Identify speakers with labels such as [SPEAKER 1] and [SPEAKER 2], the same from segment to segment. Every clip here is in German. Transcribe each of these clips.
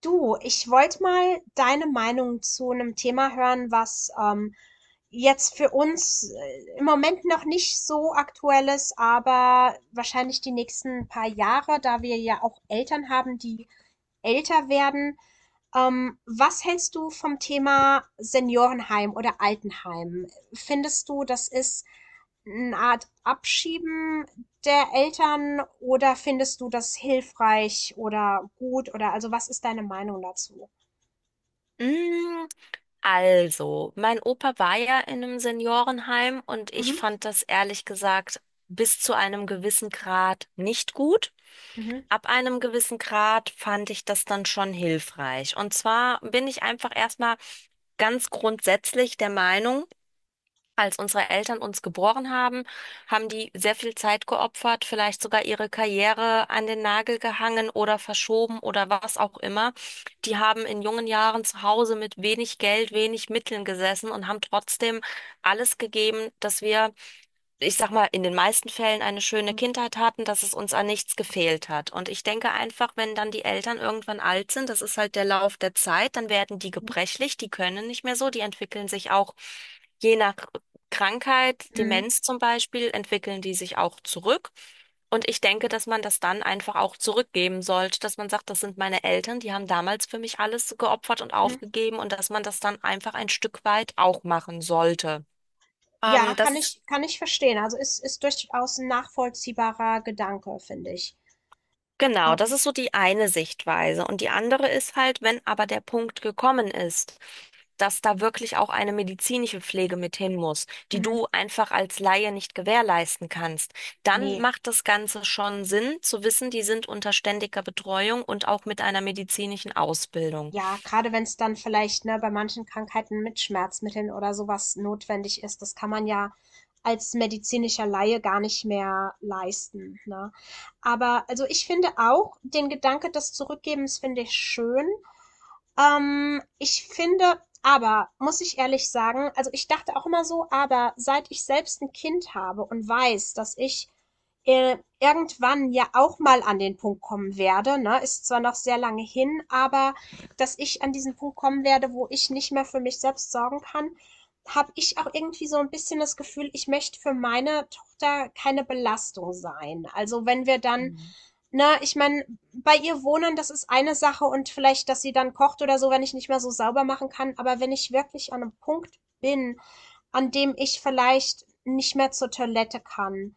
[SPEAKER 1] Du, ich wollte mal deine Meinung zu einem Thema hören, was jetzt für uns im Moment noch nicht so aktuell ist, aber wahrscheinlich die nächsten paar Jahre, da wir ja auch Eltern haben, die älter werden. Was hältst du vom Thema Seniorenheim oder Altenheim? Findest du, das ist eine Art Abschieben der Eltern, oder findest du das hilfreich oder gut? Oder also, was ist deine Meinung dazu?
[SPEAKER 2] Mm, Also, mein Opa war ja in einem Seniorenheim und ich
[SPEAKER 1] Mhm.
[SPEAKER 2] fand das ehrlich gesagt bis zu einem gewissen Grad nicht gut.
[SPEAKER 1] Mhm.
[SPEAKER 2] Ab einem gewissen Grad fand ich das dann schon hilfreich. Und zwar bin ich einfach erstmal ganz grundsätzlich der Meinung, als unsere Eltern uns geboren haben, haben die sehr viel Zeit geopfert, vielleicht sogar ihre Karriere an den Nagel gehangen oder verschoben oder was auch immer. Die haben in jungen Jahren zu Hause mit wenig Geld, wenig Mitteln gesessen und haben trotzdem alles gegeben, dass wir, ich sag mal, in den meisten Fällen eine schöne
[SPEAKER 1] Mhm.
[SPEAKER 2] Kindheit hatten, dass es uns an nichts gefehlt hat. Und ich denke einfach, wenn dann die Eltern irgendwann alt sind, das ist halt der Lauf der Zeit, dann werden die gebrechlich, die können nicht mehr so, die entwickeln sich auch je nach Krankheit,
[SPEAKER 1] Mhm.
[SPEAKER 2] Demenz zum Beispiel, entwickeln die sich auch zurück. Und ich denke, dass man das dann einfach auch zurückgeben sollte, dass man sagt, das sind meine Eltern, die haben damals für mich alles geopfert und
[SPEAKER 1] Mhm.
[SPEAKER 2] aufgegeben und dass man das dann einfach ein Stück weit auch machen sollte.
[SPEAKER 1] Ja,
[SPEAKER 2] Das
[SPEAKER 1] kann
[SPEAKER 2] ist
[SPEAKER 1] ich kann ich verstehen. Also, ist durchaus 'n nachvollziehbarer Gedanke, finde ich.
[SPEAKER 2] Genau, das
[SPEAKER 1] Ähm,
[SPEAKER 2] ist so die eine Sichtweise. Und die andere ist halt, wenn aber der Punkt gekommen ist, dass da wirklich auch eine medizinische Pflege mit hin muss, die
[SPEAKER 1] mhm,
[SPEAKER 2] du einfach als Laie nicht gewährleisten kannst, dann
[SPEAKER 1] ne,
[SPEAKER 2] macht das Ganze schon Sinn zu wissen, die sind unter ständiger Betreuung und auch mit einer medizinischen Ausbildung.
[SPEAKER 1] ja, gerade wenn es dann vielleicht, ne, bei manchen Krankheiten mit Schmerzmitteln oder sowas notwendig ist, das kann man ja als medizinischer Laie gar nicht mehr leisten, ne? Aber also, ich finde auch, den Gedanke des Zurückgebens finde ich schön. Ich finde aber, muss ich ehrlich sagen, also ich dachte auch immer so, aber seit ich selbst ein Kind habe und weiß, dass ich irgendwann ja auch mal an den Punkt kommen werde, ne, ist zwar noch sehr lange hin, aber dass ich an diesen Punkt kommen werde, wo ich nicht mehr für mich selbst sorgen kann, habe ich auch irgendwie so ein bisschen das Gefühl, ich möchte für meine Tochter keine Belastung sein. Also wenn wir dann,
[SPEAKER 2] Mhm.
[SPEAKER 1] ne, ich meine, bei ihr wohnen, das ist eine Sache, und vielleicht, dass sie dann kocht oder so, wenn ich nicht mehr so sauber machen kann. Aber wenn ich wirklich an einem Punkt bin, an dem ich vielleicht nicht mehr zur Toilette kann,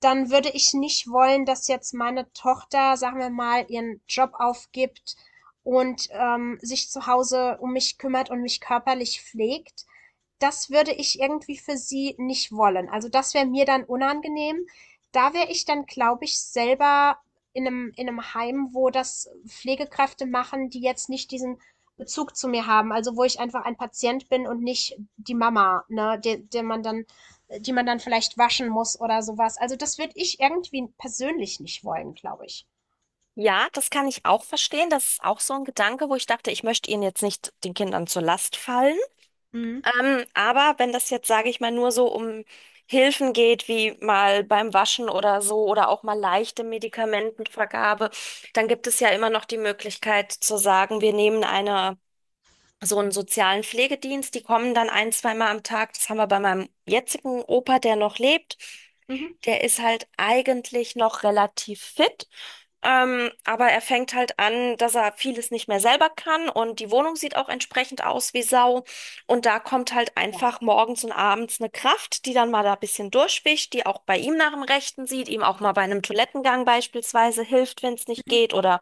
[SPEAKER 1] dann würde ich nicht wollen, dass jetzt meine Tochter, sagen wir mal, ihren Job aufgibt und sich zu Hause um mich kümmert und mich körperlich pflegt. Das würde ich irgendwie für sie nicht wollen. Also das wäre mir dann unangenehm. Da wäre ich dann, glaube ich, selber in einem Heim, wo das Pflegekräfte machen, die jetzt nicht diesen Bezug zu mir haben. Also wo ich einfach ein Patient bin und nicht die Mama, ne, der, der man dann die man dann vielleicht waschen muss oder sowas. Also das würde ich irgendwie persönlich nicht wollen, glaube ich.
[SPEAKER 2] Ja, das kann ich auch verstehen. Das ist auch so ein Gedanke, wo ich dachte, ich möchte ihnen jetzt nicht den Kindern zur Last fallen. Aber wenn das jetzt, sage ich mal, nur so um Hilfen geht, wie mal beim Waschen oder so oder auch mal leichte Medikamentenvergabe, dann gibt es ja immer noch die Möglichkeit zu sagen, wir nehmen eine so einen sozialen Pflegedienst, die kommen dann ein, zweimal am Tag. Das haben wir bei meinem jetzigen Opa, der noch lebt.
[SPEAKER 1] Mhm.
[SPEAKER 2] Der ist halt eigentlich noch relativ fit, aber er fängt halt an, dass er vieles nicht mehr selber kann und die Wohnung sieht auch entsprechend aus wie Sau. Und da kommt halt einfach
[SPEAKER 1] Ja.
[SPEAKER 2] morgens und abends eine Kraft, die dann mal da ein bisschen durchwischt, die auch bei ihm nach dem Rechten sieht, ihm auch mal bei einem Toilettengang beispielsweise hilft, wenn es nicht
[SPEAKER 1] Mhm.
[SPEAKER 2] geht oder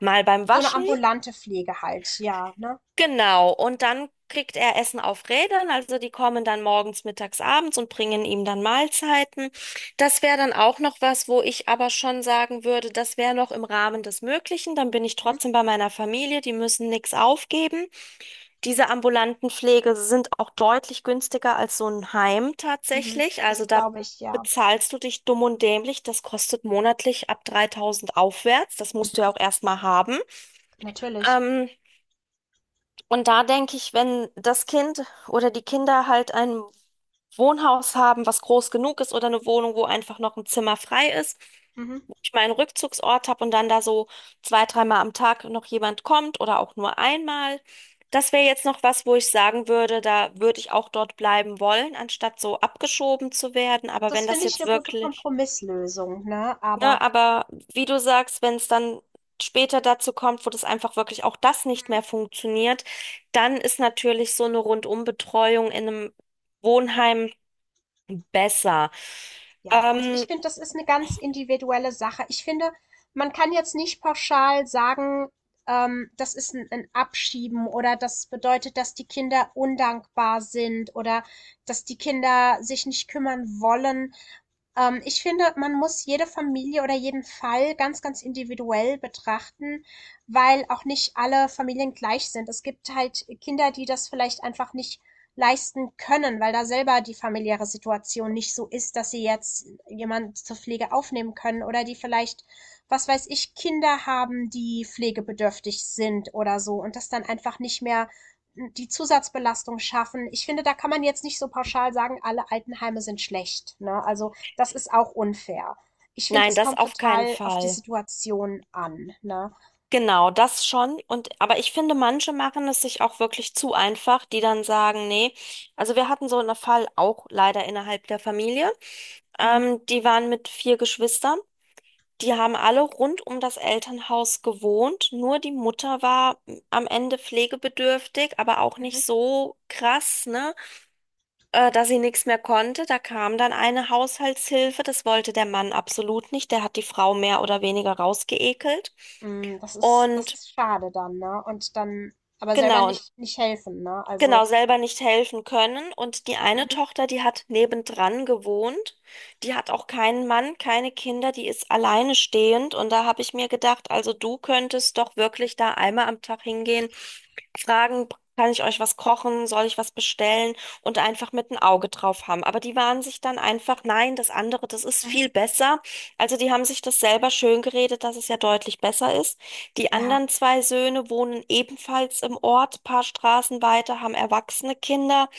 [SPEAKER 2] mal beim
[SPEAKER 1] So eine
[SPEAKER 2] Waschen.
[SPEAKER 1] ambulante Pflege halt, ja, ne?
[SPEAKER 2] Genau, und dann kriegt er Essen auf Rädern, also die kommen dann morgens, mittags, abends und bringen ihm dann Mahlzeiten. Das wäre dann auch noch was, wo ich aber schon sagen würde, das wäre noch im Rahmen des Möglichen. Dann bin ich
[SPEAKER 1] Mhm.
[SPEAKER 2] trotzdem bei meiner Familie, die müssen nichts aufgeben. Diese ambulanten Pflege sind auch deutlich günstiger als so ein Heim
[SPEAKER 1] Mhm.
[SPEAKER 2] tatsächlich.
[SPEAKER 1] Das
[SPEAKER 2] Also da
[SPEAKER 1] glaube ich, ja.
[SPEAKER 2] bezahlst du dich dumm und dämlich. Das kostet monatlich ab 3.000 aufwärts. Das musst du
[SPEAKER 1] Mhm.
[SPEAKER 2] ja auch erstmal haben.
[SPEAKER 1] Natürlich.
[SPEAKER 2] Ähm, und da denke ich, wenn das Kind oder die Kinder halt ein Wohnhaus haben, was groß genug ist oder eine Wohnung, wo einfach noch ein Zimmer frei ist,
[SPEAKER 1] Mhm.
[SPEAKER 2] wo ich meinen Rückzugsort habe und dann da so zwei, dreimal am Tag noch jemand kommt oder auch nur einmal. Das wäre jetzt noch was, wo ich sagen würde, da würde ich auch dort bleiben wollen, anstatt so abgeschoben zu werden. Aber
[SPEAKER 1] Das
[SPEAKER 2] wenn das
[SPEAKER 1] finde ich
[SPEAKER 2] jetzt
[SPEAKER 1] eine gute
[SPEAKER 2] wirklich
[SPEAKER 1] Kompromisslösung, ne? Aber
[SPEAKER 2] Ne, aber wie du sagst, wenn es dann später dazu kommt, wo das einfach wirklich auch das nicht mehr funktioniert, dann ist natürlich so eine Rundumbetreuung in einem Wohnheim besser.
[SPEAKER 1] ja, also
[SPEAKER 2] Ähm,
[SPEAKER 1] ich finde, das ist eine ganz individuelle Sache. Ich finde, man kann jetzt nicht pauschal sagen, das ist ein 'n Abschieben, oder das bedeutet, dass die Kinder undankbar sind oder dass die Kinder sich nicht kümmern wollen. Ich finde, man muss jede Familie oder jeden Fall ganz, ganz individuell betrachten, weil auch nicht alle Familien gleich sind. Es gibt halt Kinder, die das vielleicht einfach nicht leisten können, weil da selber die familiäre Situation nicht so ist, dass sie jetzt jemand zur Pflege aufnehmen können, oder die vielleicht, was weiß ich, Kinder haben, die pflegebedürftig sind oder so, und das dann einfach nicht mehr, die Zusatzbelastung schaffen. Ich finde, da kann man jetzt nicht so pauschal sagen, alle Altenheime sind schlecht. Ne? Also das ist auch unfair. Ich finde,
[SPEAKER 2] nein,
[SPEAKER 1] es
[SPEAKER 2] das
[SPEAKER 1] kommt
[SPEAKER 2] auf keinen
[SPEAKER 1] total auf die
[SPEAKER 2] Fall.
[SPEAKER 1] Situation an. Ne?
[SPEAKER 2] Genau, das schon. Und, aber ich finde, manche machen es sich auch wirklich zu einfach, die dann sagen, nee. Also wir hatten so einen Fall auch leider innerhalb der Familie.
[SPEAKER 1] Mhm.
[SPEAKER 2] Die waren mit vier Geschwistern. Die haben alle rund um das Elternhaus gewohnt, nur die Mutter war am Ende pflegebedürftig, aber auch nicht so krass, ne, dass sie nichts mehr konnte. Da kam dann eine Haushaltshilfe, das wollte der Mann absolut nicht, der hat die Frau mehr oder weniger rausgeekelt.
[SPEAKER 1] Das ist, das
[SPEAKER 2] Und
[SPEAKER 1] ist schade dann, ne? Und dann aber selber
[SPEAKER 2] genau, und
[SPEAKER 1] nicht, nicht helfen, ne? Also,
[SPEAKER 2] genau selber nicht helfen können. Und die eine
[SPEAKER 1] mhm.
[SPEAKER 2] Tochter, die hat nebendran gewohnt, die hat auch keinen Mann, keine Kinder, die ist alleine stehend. Und da habe ich mir gedacht, also du könntest doch wirklich da einmal am Tag hingehen, fragen, kann ich euch was kochen, soll ich was bestellen und einfach mit ein Auge drauf haben. Aber die waren sich dann einfach, nein, das andere, das ist
[SPEAKER 1] Mhm.
[SPEAKER 2] viel besser. Also die haben sich das selber schön geredet, dass es ja deutlich besser ist. Die
[SPEAKER 1] Ja,
[SPEAKER 2] anderen zwei Söhne wohnen ebenfalls im Ort, paar Straßen weiter, haben erwachsene Kinder,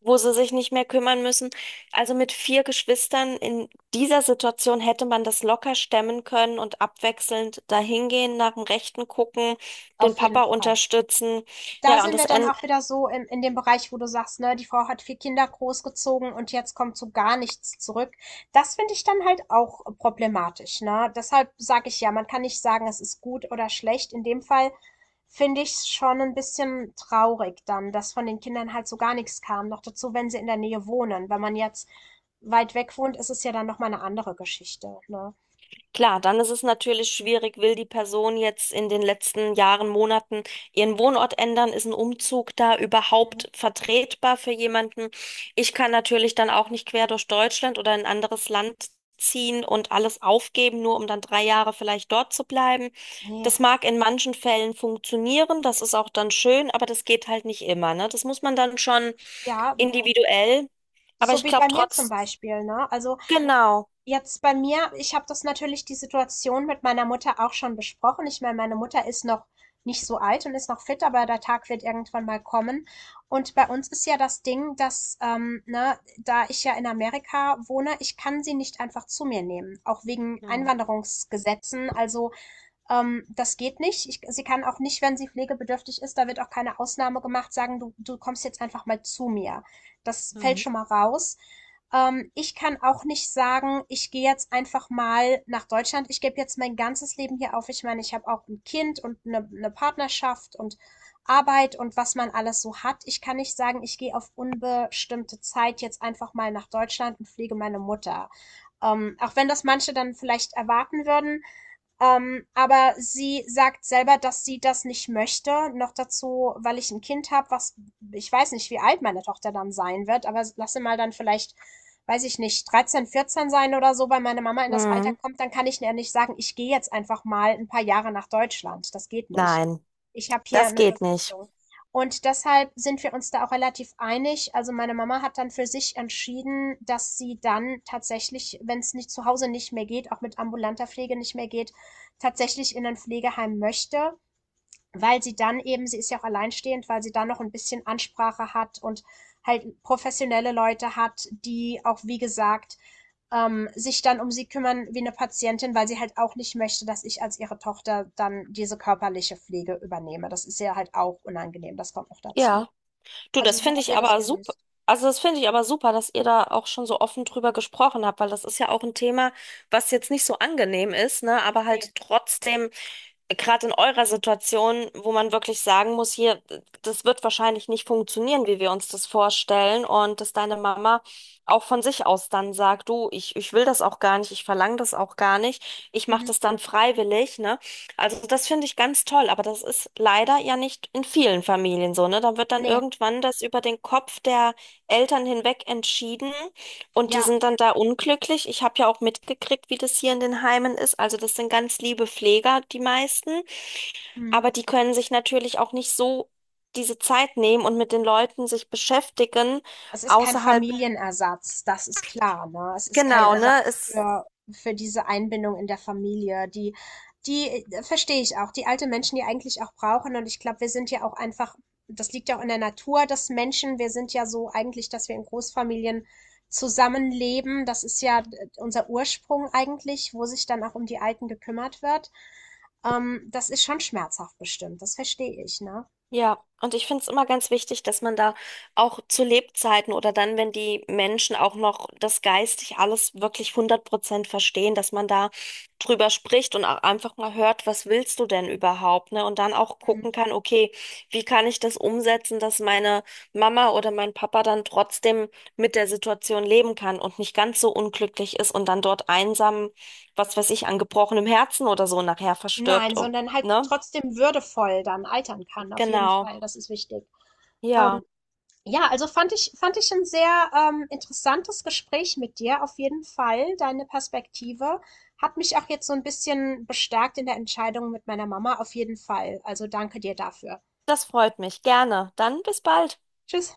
[SPEAKER 2] wo sie sich nicht mehr kümmern müssen. Also mit vier Geschwistern in dieser Situation hätte man das locker stemmen können und abwechselnd dahingehen, nach dem Rechten gucken, den
[SPEAKER 1] auf jeden
[SPEAKER 2] Papa
[SPEAKER 1] Fall.
[SPEAKER 2] unterstützen.
[SPEAKER 1] Da
[SPEAKER 2] Ja, und
[SPEAKER 1] sind
[SPEAKER 2] das
[SPEAKER 1] wir dann
[SPEAKER 2] Ende
[SPEAKER 1] auch wieder so in dem Bereich, wo du sagst, ne, die Frau hat vier Kinder großgezogen, und jetzt kommt so gar nichts zurück. Das finde ich dann halt auch problematisch, ne? Deshalb sage ich ja, man kann nicht sagen, es ist gut oder schlecht. In dem Fall finde ich es schon ein bisschen traurig dann, dass von den Kindern halt so gar nichts kam. Noch dazu, wenn sie in der Nähe wohnen. Wenn man jetzt weit weg wohnt, ist es ja dann nochmal eine andere Geschichte, ne?
[SPEAKER 2] Klar, dann ist es natürlich schwierig, will die Person jetzt in den letzten Jahren, Monaten ihren Wohnort ändern? Ist ein Umzug da
[SPEAKER 1] Mhm.
[SPEAKER 2] überhaupt vertretbar für jemanden? Ich kann natürlich dann auch nicht quer durch Deutschland oder in ein anderes Land ziehen und alles aufgeben, nur um dann 3 Jahre vielleicht dort zu bleiben.
[SPEAKER 1] Nee.
[SPEAKER 2] Das mag in manchen Fällen funktionieren, das ist auch dann schön, aber das geht halt nicht immer, ne? Das muss man dann schon
[SPEAKER 1] Ja,
[SPEAKER 2] individuell, aber
[SPEAKER 1] so
[SPEAKER 2] ich
[SPEAKER 1] wie
[SPEAKER 2] glaube
[SPEAKER 1] bei mir zum
[SPEAKER 2] trotz,
[SPEAKER 1] Beispiel, ne? Also
[SPEAKER 2] genau.
[SPEAKER 1] jetzt bei mir, ich habe das, natürlich die Situation mit meiner Mutter auch schon besprochen. Ich meine, meine Mutter ist noch nicht so alt und ist noch fit, aber der Tag wird irgendwann mal kommen. Und bei uns ist ja das Ding, dass, ne, da ich ja in Amerika wohne, ich kann sie nicht einfach zu mir nehmen, auch wegen
[SPEAKER 2] Mhm.
[SPEAKER 1] Einwanderungsgesetzen. Also, das geht nicht. Sie kann auch nicht, wenn sie pflegebedürftig ist, da wird auch keine Ausnahme gemacht, sagen, du kommst jetzt einfach mal zu mir. Das fällt
[SPEAKER 2] Mhm.
[SPEAKER 1] schon mal raus. Ich kann auch nicht sagen, ich gehe jetzt einfach mal nach Deutschland, ich gebe jetzt mein ganzes Leben hier auf. Ich meine, ich habe auch ein Kind und eine Partnerschaft und Arbeit und was man alles so hat. Ich kann nicht sagen, ich gehe auf unbestimmte Zeit jetzt einfach mal nach Deutschland und pflege meine Mutter. Auch wenn das manche dann vielleicht erwarten würden, aber sie sagt selber, dass sie das nicht möchte. Noch dazu, weil ich ein Kind habe, was, ich weiß nicht, wie alt meine Tochter dann sein wird, aber lasse mal dann vielleicht, weiß ich nicht, 13, 14 sein oder so, weil meine Mama in das Alter
[SPEAKER 2] Hm,
[SPEAKER 1] kommt, dann kann ich ja nicht sagen, ich gehe jetzt einfach mal ein paar Jahre nach Deutschland. Das geht nicht.
[SPEAKER 2] nein.
[SPEAKER 1] Ich habe hier
[SPEAKER 2] Das
[SPEAKER 1] eine
[SPEAKER 2] geht nicht.
[SPEAKER 1] Verpflichtung. Und deshalb sind wir uns da auch relativ einig. Also meine Mama hat dann für sich entschieden, dass sie dann tatsächlich, wenn es nicht zu Hause nicht mehr geht, auch mit ambulanter Pflege nicht mehr geht, tatsächlich in ein Pflegeheim möchte, weil sie dann eben, sie ist ja auch alleinstehend, weil sie dann noch ein bisschen Ansprache hat und halt professionelle Leute hat, die auch, wie gesagt, sich dann um sie kümmern wie eine Patientin, weil sie halt auch nicht möchte, dass ich als ihre Tochter dann diese körperliche Pflege übernehme. Das ist ja halt auch unangenehm, das kommt noch dazu.
[SPEAKER 2] Ja, du,
[SPEAKER 1] Also
[SPEAKER 2] das
[SPEAKER 1] so
[SPEAKER 2] finde
[SPEAKER 1] haben
[SPEAKER 2] ich
[SPEAKER 1] wir das
[SPEAKER 2] aber super.
[SPEAKER 1] gelöst.
[SPEAKER 2] Also das finde ich aber super, dass ihr da auch schon so offen drüber gesprochen habt, weil das ist ja auch ein Thema, was jetzt nicht so angenehm ist, ne, aber
[SPEAKER 1] Nee.
[SPEAKER 2] halt trotzdem gerade in eurer Situation, wo man wirklich sagen muss, hier, das wird wahrscheinlich nicht funktionieren, wie wir uns das vorstellen. Und dass deine Mama auch von sich aus dann sagt, du, ich will das auch gar nicht, ich verlange das auch gar nicht, ich mache
[SPEAKER 1] Mhm.
[SPEAKER 2] das dann freiwillig, ne? Also das finde ich ganz toll, aber das ist leider ja nicht in vielen Familien so, ne? Da wird dann
[SPEAKER 1] Nee,
[SPEAKER 2] irgendwann das über den Kopf der Eltern hinweg entschieden. Und die
[SPEAKER 1] ja.
[SPEAKER 2] sind dann da unglücklich. Ich habe ja auch mitgekriegt, wie das hier in den Heimen ist. Also das sind ganz liebe Pfleger, die meisten.
[SPEAKER 1] Hm.
[SPEAKER 2] Aber die können sich natürlich auch nicht so diese Zeit nehmen und mit den Leuten sich beschäftigen,
[SPEAKER 1] Es ist kein
[SPEAKER 2] außerhalb,
[SPEAKER 1] Familienersatz, das ist klar, ne? Es ist kein, genau,
[SPEAKER 2] genau, ne?
[SPEAKER 1] Ersatz
[SPEAKER 2] Es
[SPEAKER 1] für diese Einbindung in der Familie. Die, die verstehe ich auch, die alte Menschen, die eigentlich auch brauchen. Und ich glaube, wir sind ja auch einfach, das liegt ja auch in der Natur des Menschen. Wir sind ja so eigentlich, dass wir in Großfamilien zusammenleben. Das ist ja unser Ursprung eigentlich, wo sich dann auch um die Alten gekümmert wird. Das ist schon schmerzhaft bestimmt, das verstehe ich, ne?
[SPEAKER 2] Ja, und ich finde es immer ganz wichtig, dass man da auch zu Lebzeiten oder dann, wenn die Menschen auch noch das geistig alles wirklich 100% verstehen, dass man da drüber spricht und auch einfach mal hört, was willst du denn überhaupt, ne? Und dann auch
[SPEAKER 1] Mhm.
[SPEAKER 2] gucken kann, okay, wie kann ich das umsetzen, dass meine Mama oder mein Papa dann trotzdem mit der Situation leben kann und nicht ganz so unglücklich ist und dann dort einsam, was weiß ich, an gebrochenem Herzen oder so nachher
[SPEAKER 1] Nein,
[SPEAKER 2] verstirbt,
[SPEAKER 1] sondern halt
[SPEAKER 2] ne?
[SPEAKER 1] trotzdem würdevoll dann altern kann, auf jeden
[SPEAKER 2] Genau.
[SPEAKER 1] Fall. Das ist wichtig.
[SPEAKER 2] Ja.
[SPEAKER 1] Ja, also fand ich ein sehr interessantes Gespräch mit dir, auf jeden Fall. Deine Perspektive hat mich auch jetzt so ein bisschen bestärkt in der Entscheidung mit meiner Mama, auf jeden Fall. Also danke dir dafür.
[SPEAKER 2] Das freut mich. Gerne. Dann bis bald.
[SPEAKER 1] Tschüss.